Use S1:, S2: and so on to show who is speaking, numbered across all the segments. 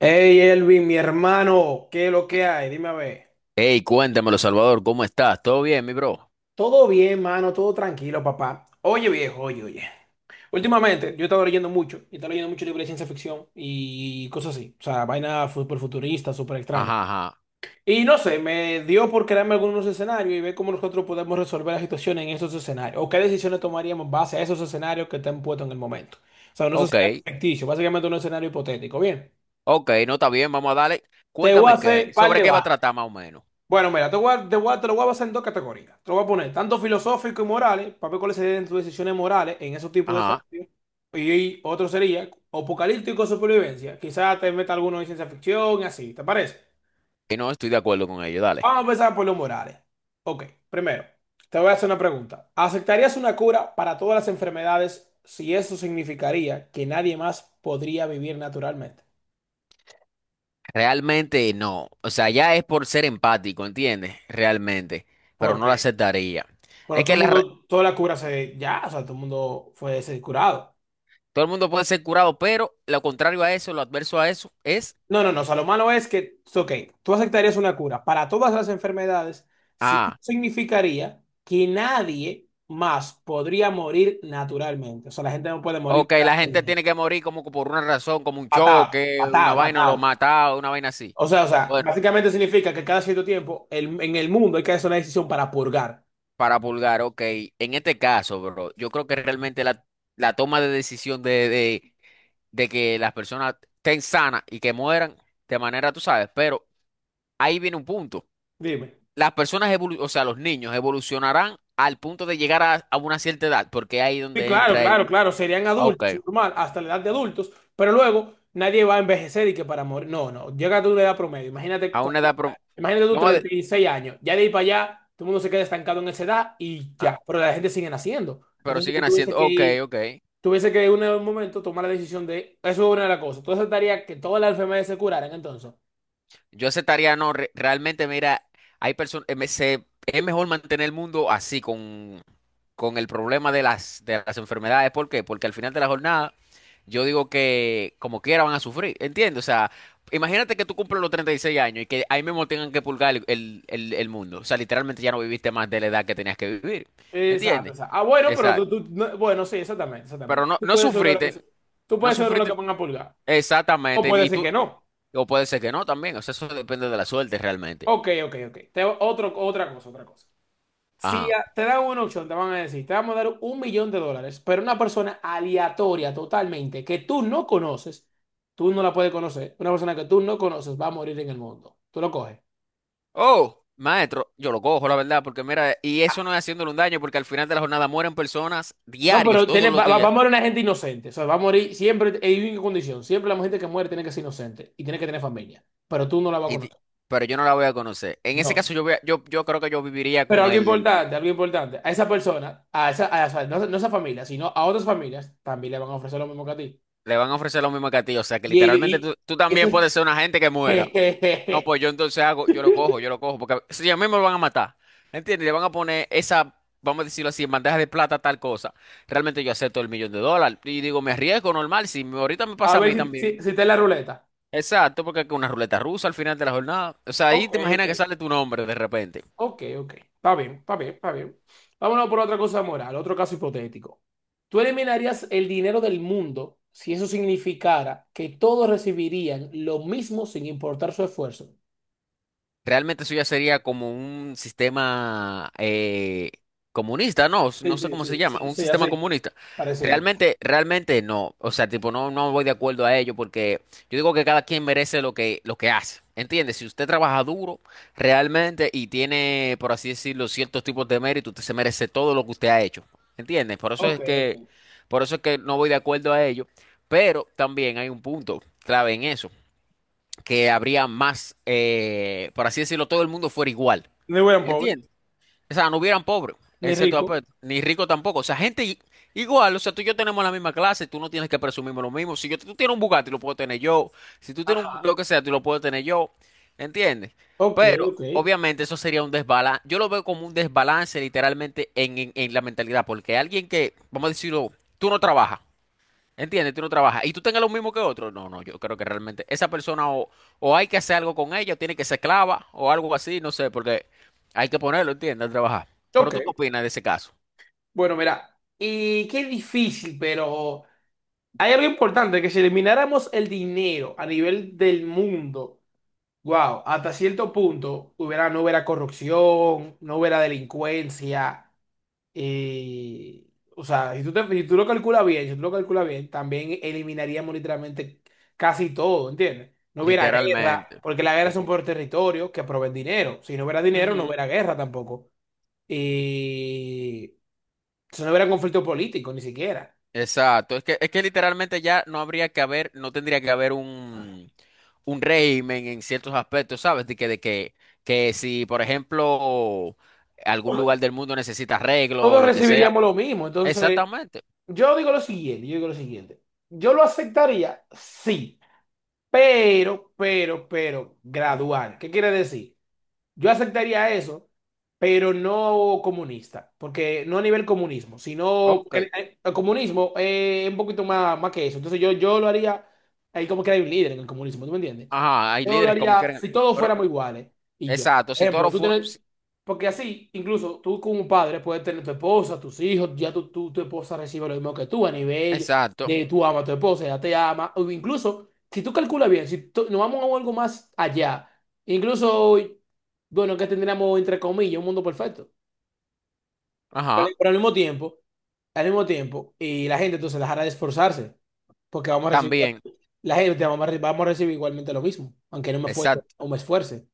S1: Hey Elvin, mi hermano, ¿qué es lo que hay? Dime a ver.
S2: Hey, cuéntemelo, Salvador, ¿cómo estás? ¿Todo bien, mi bro?
S1: Todo bien, mano, todo tranquilo, papá. Oye, viejo, oye, oye. Últimamente yo he estado leyendo mucho, y he estado leyendo mucho libros de ciencia ficción y cosas así. O sea, vaina súper futurista, súper extraña.
S2: Ajá, ajá.
S1: Y no sé, me dio por crearme algunos escenarios y ver cómo nosotros podemos resolver las situaciones en esos escenarios. O qué decisiones tomaríamos en base a esos escenarios que te han puesto en el momento. O sea, unos
S2: Ok,
S1: escenarios ficticios, básicamente un escenario hipotético. Bien,
S2: ok, no está bien, vamos a darle.
S1: te voy a
S2: Cuéntame qué,
S1: hacer par
S2: sobre
S1: de
S2: qué va a
S1: vainas.
S2: tratar más o menos.
S1: Bueno, mira, te lo voy a basar en dos categorías. Te lo voy a poner tanto filosófico y morales, para ver cuáles serían tus decisiones morales en esos tipos de
S2: Ajá,
S1: escenarios. Y otro sería apocalíptico de supervivencia. Quizás te meta alguno de ciencia ficción y así, ¿te parece?
S2: que no estoy de acuerdo con ello, dale.
S1: Vamos a empezar por los morales. Ok, primero, te voy a hacer una pregunta. ¿Aceptarías una cura para todas las enfermedades si eso significaría que nadie más podría vivir naturalmente?
S2: Realmente no. O sea, ya es por ser empático, ¿entiendes? Realmente. Pero no lo
S1: Porque,
S2: aceptaría.
S1: bueno,
S2: Es
S1: todo
S2: que
S1: el
S2: la re-
S1: mundo, toda la cura se, ya, o sea, todo el mundo fue se curado.
S2: Todo el mundo puede ser curado, pero lo contrario a eso, lo adverso a eso, es.
S1: No, no, no. O sea, lo malo es que, ok, tú aceptarías una cura para todas las enfermedades, sí
S2: Ah,
S1: significaría que nadie más podría morir naturalmente. O sea, la gente no puede morir
S2: ok,
S1: ya,
S2: la gente tiene que morir como que por una razón, como un
S1: matado,
S2: choque, una
S1: matado,
S2: vaina lo
S1: matado.
S2: mata, una vaina así.
S1: O sea,
S2: Bueno,
S1: básicamente significa que cada cierto tiempo el- en el mundo hay que hacer una decisión para purgar.
S2: para Pulgar, ok. En este caso, bro, yo creo que realmente la toma de decisión de que las personas estén sanas y que mueran de manera, tú sabes, pero ahí viene un punto.
S1: Dime.
S2: Las o sea, los niños evolucionarán al punto de a una cierta edad, porque ahí es
S1: Sí,
S2: donde
S1: claro, claro, claro, serían
S2: ah, ok,
S1: adultos, normal, hasta la edad de adultos, pero luego nadie va a envejecer y que para morir, no, no, llega a tu edad promedio, imagínate,
S2: a una edad, prom-
S1: imagínate tú
S2: vamos a, de-
S1: 36 años, ya de ahí para allá, todo el mundo se queda estancado en esa edad y
S2: ah,
S1: ya, pero la gente sigue naciendo,
S2: pero
S1: entonces tú
S2: siguen
S1: tuviese
S2: haciendo,
S1: que
S2: ok,
S1: ir,
S2: ok.
S1: tuviese que en un momento tomar la decisión de, eso es una de las cosas, tú aceptarías que todas las enfermedades se curaran entonces,
S2: Yo aceptaría, no, re- realmente, mira, hay personas, es mejor mantener el mundo así, con el problema de las enfermedades. ¿Por qué? Porque al final de la jornada, yo digo que como quiera van a sufrir, ¿entiendes? O sea, imagínate que tú cumples los 36 años y que ahí mismo tengan que pulgar el mundo. O sea, literalmente ya no viviste más de la edad que tenías que vivir,
S1: exacto,
S2: ¿entiendes?
S1: exacto, ah, bueno, pero
S2: Exacto.
S1: bueno, sí, exactamente,
S2: Pero
S1: exactamente,
S2: no,
S1: tú
S2: no
S1: puedes ser uno de los que,
S2: sufriste,
S1: tú
S2: no
S1: puedes ser uno de los que
S2: sufriste
S1: van a pulgar, o
S2: exactamente.
S1: puede
S2: Y
S1: ser
S2: tú,
S1: que no.
S2: o puede ser que no también, o sea, eso depende de la suerte realmente.
S1: Ok, ok, ok. Otra cosa. Si
S2: Ajá.
S1: a- Te dan una opción, te van a decir, te vamos a dar 1 millón de dólares, pero una persona aleatoria totalmente, que tú no conoces, tú no la puedes conocer, una persona que tú no conoces va a morir en el mundo. Tú lo coges.
S2: Oh, maestro, yo lo cojo, la verdad, porque mira, y eso no es haciéndole un daño, porque al final de la jornada mueren personas
S1: No,
S2: diarios,
S1: pero
S2: todos
S1: tiene,
S2: los
S1: va a
S2: días,
S1: morir una gente inocente. O sea, va a morir siempre, en una condición. Siempre la gente que muere tiene que ser inocente y tiene que tener familia, pero tú no la vas a
S2: y di-
S1: conocer.
S2: pero yo no la voy a conocer. En ese
S1: No.
S2: caso, yo creo que yo viviría
S1: Pero
S2: con
S1: algo
S2: el,
S1: importante, algo importante. A esa persona, no, no a esa familia, sino a otras familias, también le van a ofrecer lo mismo que a ti.
S2: le van a ofrecer lo mismo que a ti, o sea, que
S1: Y,
S2: literalmente
S1: y-
S2: tú
S1: y
S2: también
S1: eso
S2: puedes ser una gente que muera. No,
S1: es-
S2: pues yo entonces hago, yo lo cojo, porque si a mí me lo van a matar, ¿entiendes? Le van a poner esa, vamos a decirlo así, en bandeja de plata, tal cosa. Realmente yo acepto el $1 millón y digo, me arriesgo normal, si me- ahorita me
S1: A
S2: pasa a
S1: ver
S2: mí
S1: si,
S2: también.
S1: si, si está en la ruleta.
S2: Exacto, porque es una ruleta rusa al final de la jornada. O sea, ahí
S1: Ok,
S2: te
S1: ok.
S2: imaginas que sale tu nombre de repente.
S1: Ok, ok. Está bien, está bien, está bien. Vámonos por otra cosa moral, otro caso hipotético. ¿Tú eliminarías el dinero del mundo si eso significara que todos recibirían lo mismo sin importar su esfuerzo?
S2: Realmente eso ya sería como un sistema comunista,
S1: Sí,
S2: no sé
S1: sí,
S2: cómo se
S1: sí,
S2: llama,
S1: sí,
S2: un
S1: sí,
S2: sistema
S1: así.
S2: comunista.
S1: Parecido.
S2: Realmente no, o sea, tipo, no, no voy de acuerdo a ello porque yo digo que cada quien merece lo que hace, ¿entiendes? Si usted trabaja duro realmente y tiene, por así decirlo, ciertos tipos de mérito, usted se merece todo lo que usted ha hecho, ¿entiendes?
S1: Ok, ok.
S2: Por eso es que no voy de acuerdo a ello, pero también hay un punto clave en eso que habría más, por así decirlo, todo el mundo fuera igual.
S1: Ni buen pobre,
S2: ¿Entiendes? O sea, no hubieran pobres, en
S1: ni
S2: cierto
S1: rico.
S2: aspecto, ni rico tampoco. O sea, igual, o sea, tú y yo tenemos la misma clase, tú no tienes que presumirme lo mismo. Si yo, tú tienes un Bugatti, lo puedo tener yo. Si tú tienes un,
S1: Ajá.
S2: lo que sea, tú lo puedo tener yo. ¿Entiendes?
S1: Ok,
S2: Pero,
S1: ok.
S2: obviamente, eso sería un desbalance. Yo lo veo como un desbalance literalmente en la mentalidad, porque alguien que, vamos a decirlo, tú no trabajas. Entiendes, tú no trabajas. Y tú tengas lo mismo que otro. No, no, yo creo que realmente esa persona o hay que hacer algo con ella, o tiene que ser esclava, o algo así, no sé, porque hay que ponerlo, ¿entiendes? A trabajar. Pero
S1: Ok.
S2: tú qué opinas de ese caso,
S1: Bueno, mira. Y qué difícil, pero. Hay algo importante, que si elimináramos el dinero a nivel del mundo, wow, hasta cierto punto hubiera, no hubiera corrupción, no hubiera delincuencia. eh, o sea, si si tú lo calculas bien, si tú lo calculas bien, también eliminaríamos literalmente casi todo, ¿entiendes? No hubiera guerra,
S2: literalmente.
S1: porque las guerras son
S2: Lite-
S1: por territorio que proveen dinero. Si no hubiera dinero, no
S2: Ujú,
S1: hubiera guerra tampoco. Y si no hubiera conflicto político, ni siquiera.
S2: exacto. Es que literalmente ya no habría que haber, no tendría que haber un régimen en ciertos aspectos, ¿sabes? Que si, por ejemplo, algún lugar del mundo necesita arreglo o
S1: Todos
S2: lo que sea.
S1: recibiríamos lo mismo, entonces.
S2: Exactamente.
S1: Yo digo lo siguiente, yo digo lo siguiente. Yo lo aceptaría, sí, pero, pero, gradual. ¿Qué quiere decir? Yo aceptaría eso, pero no comunista, porque no a nivel comunismo, sino que
S2: Ok.
S1: el comunismo es un poquito más, más que eso. Entonces yo lo haría, ahí como que hay un líder en el comunismo, ¿tú me entiendes?
S2: Ajá, hay
S1: Yo lo
S2: líderes como
S1: haría
S2: quieren.
S1: si todos
S2: Pero,
S1: fuéramos iguales y ya.
S2: exacto, si
S1: Ejemplo,
S2: Toro fue. Si-
S1: porque así, incluso tú como padre puedes tener tu esposa, tus hijos, ya tu esposa recibe lo mismo que tú a nivel
S2: exacto.
S1: de tú amas a tu esposa, ella te ama, o incluso si tú calculas bien, si tú- nos vamos a algo más allá. Incluso bueno, que tendríamos entre comillas un mundo perfecto.
S2: Ajá.
S1: Pero al mismo tiempo, y la gente entonces dejará de esforzarse, porque vamos a recibir
S2: También.
S1: igualmente, la gente vamos a recibir igualmente lo mismo, aunque no me esfuerce
S2: Exacto.
S1: o me esfuerce.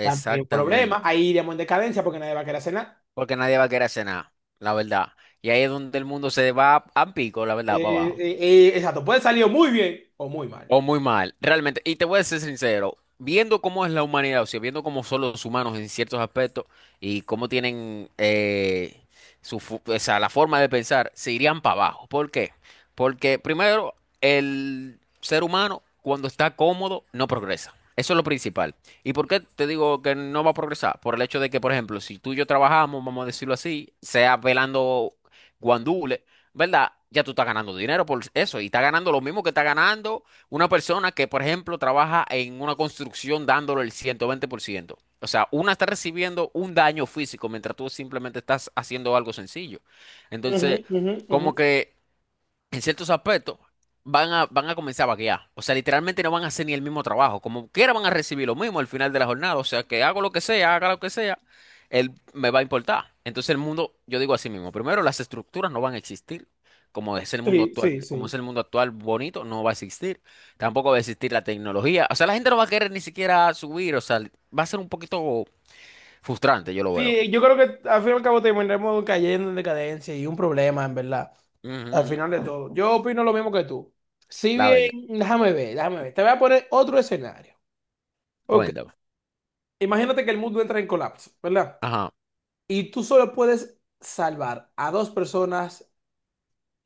S1: También un problema, ahí iremos en decadencia porque nadie va a querer hacer nada.
S2: Porque nadie va a querer hacer nada, la verdad. Y ahí es donde el mundo se va a pico, la verdad, para abajo.
S1: Exacto, puede salir o muy bien o muy mal.
S2: O muy mal, realmente. Y te voy a ser sincero, viendo cómo es la humanidad, o sea, viendo cómo son los humanos en ciertos aspectos y cómo tienen o sea, la forma de pensar, se irían para abajo. ¿Por qué? Porque primero, el ser humano, cuando está cómodo, no progresa. Eso es lo principal. ¿Y por qué te digo que no va a progresar? Por el hecho de que, por ejemplo, si tú y yo trabajamos, vamos a decirlo así, sea velando guandule, ¿verdad? Ya tú estás ganando dinero por eso y estás ganando lo mismo que estás ganando una persona que, por ejemplo, trabaja en una construcción dándole el 120%. O sea, una está recibiendo un daño físico mientras tú simplemente estás haciendo algo sencillo.
S1: Ujú,
S2: Entonces,
S1: ujú, ujú.
S2: como que en ciertos aspectos, van a comenzar a vaguear. O sea, literalmente no van a hacer ni el mismo trabajo. Como quiera van a recibir lo mismo al final de la jornada. O sea, que hago lo que sea, haga lo que sea, él me va a importar. Entonces el mundo, yo digo así mismo, primero las estructuras no van a existir. Como es el mundo
S1: Sí, sí,
S2: actual, como es
S1: sí.
S2: el mundo actual bonito, no va a existir. Tampoco va a existir la tecnología. O sea, la gente no va a querer ni siquiera subir. O sea, va a ser un poquito frustrante, yo lo veo.
S1: Sí, yo creo que al fin y al cabo terminaremos cayendo en decadencia y un problema, en verdad.
S2: Ujú,
S1: Al
S2: ujú.
S1: final de todo, yo opino lo mismo que tú. Si
S2: La verdad.
S1: bien, déjame ver, déjame ver. Te voy a poner otro escenario. Ok.
S2: Cuéntame.
S1: Imagínate que el mundo entra en colapso, ¿verdad?
S2: Ajá,
S1: Y tú solo puedes salvar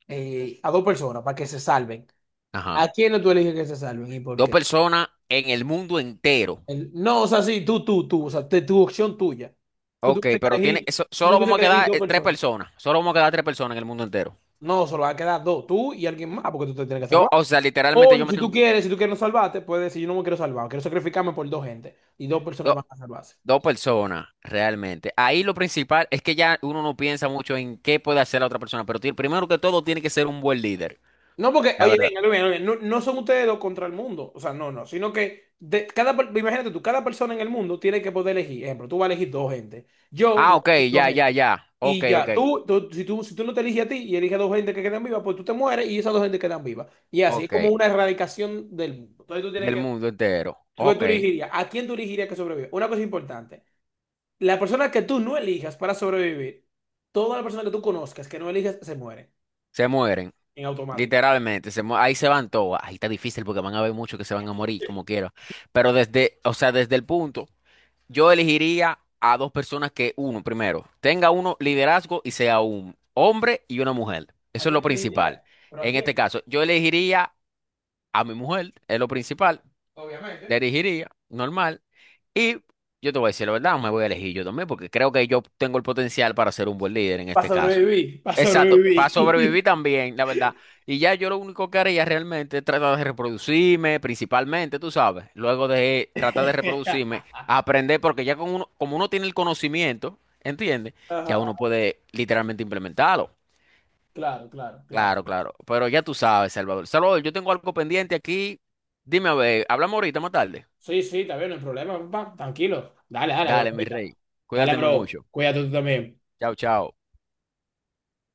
S1: a dos personas para que se salven.
S2: ajá.
S1: ¿A quién tú eliges que se salven y por
S2: Dos
S1: qué?
S2: personas en el mundo entero.
S1: No, o sea, sí, tú, o sea, tu opción tuya. Tú
S2: Ok,
S1: tuvieses que
S2: pero tiene,
S1: elegir, tú
S2: solo
S1: tuvieses
S2: vamos a
S1: que elegir
S2: quedar
S1: dos
S2: tres
S1: personas.
S2: personas. Solo vamos a quedar tres personas en el mundo entero.
S1: No, solo van a quedar dos, tú y alguien más, porque tú te tienes que salvar.
S2: O sea, literalmente
S1: O
S2: yo me
S1: si tú
S2: tengo que-
S1: quieres, si tú quieres no salvarte, puedes decir, yo no me quiero salvar, quiero sacrificarme por dos gente. Y dos personas
S2: do-
S1: van a salvarse.
S2: dos personas, realmente. Ahí lo principal es que ya uno no piensa mucho en qué puede hacer la otra persona, pero primero que todo tiene que ser un buen líder,
S1: No porque,
S2: la
S1: oye,
S2: verdad.
S1: venga, venga, venga, no, no son ustedes dos contra el mundo. O sea, no, no. Sino que imagínate tú, cada persona en el mundo tiene que poder elegir. Ejemplo, tú vas a elegir dos gente. Yo
S2: Ah,
S1: voy a
S2: ok,
S1: elegir dos
S2: ya,
S1: gente.
S2: ya, ya. Ok,
S1: Y
S2: ok,
S1: ya, si tú no te eliges a ti y eliges a dos gente que quedan vivas, pues tú te mueres y esas dos gente quedan vivas. Y así es
S2: ok.
S1: como una erradicación del mundo. Entonces tú tienes
S2: Del
S1: que.
S2: mundo entero.
S1: ¿Qué
S2: Ok.
S1: tú elegirías? ¿A quién tú elegirías que sobreviva? Una cosa importante. La persona que tú no elijas para sobrevivir, toda la persona que tú conozcas que no elijas se muere
S2: Se mueren.
S1: en automático.
S2: Literalmente, ahí se van todas. Ahí está difícil porque van a haber muchos que se van a morir, como quiera. Pero desde, o sea, desde el punto. Yo elegiría a dos personas que, uno, primero, tenga uno liderazgo y sea un hombre y una mujer.
S1: ¿A
S2: Eso es
S1: quién
S2: lo
S1: te
S2: principal.
S1: elegirías? ¿Pero a
S2: En este
S1: quién?
S2: caso, yo elegiría a mi mujer, es lo principal. La
S1: Obviamente.
S2: elegiría, normal. Y yo te voy a decir la verdad, me voy a elegir yo también, porque creo que yo tengo el potencial para ser un buen líder en
S1: Para
S2: este caso.
S1: sobrevivir, para
S2: Exacto, para
S1: sobrevivir.
S2: sobrevivir también, la verdad. Y ya yo lo único que haría realmente es tratar de reproducirme, principalmente, tú sabes, luego de tratar de reproducirme, aprender, porque ya con uno, como uno tiene el conocimiento, ¿entiendes? Ya
S1: Ajá.
S2: uno puede literalmente implementarlo.
S1: Claro, claro, claro.
S2: Claro, claro. Pero ya tú sabes, Salvador. Salvador, yo tengo algo pendiente aquí. Dime a ver, hablamos ahorita más tarde.
S1: Sí, sí, está bien, no hay problema, papá. Tranquilo. Dale, dale, bro.
S2: Dale, mi rey.
S1: Dale,
S2: Cuídate
S1: bro.
S2: mucho.
S1: Cuídate tú también.
S2: Chao, chao.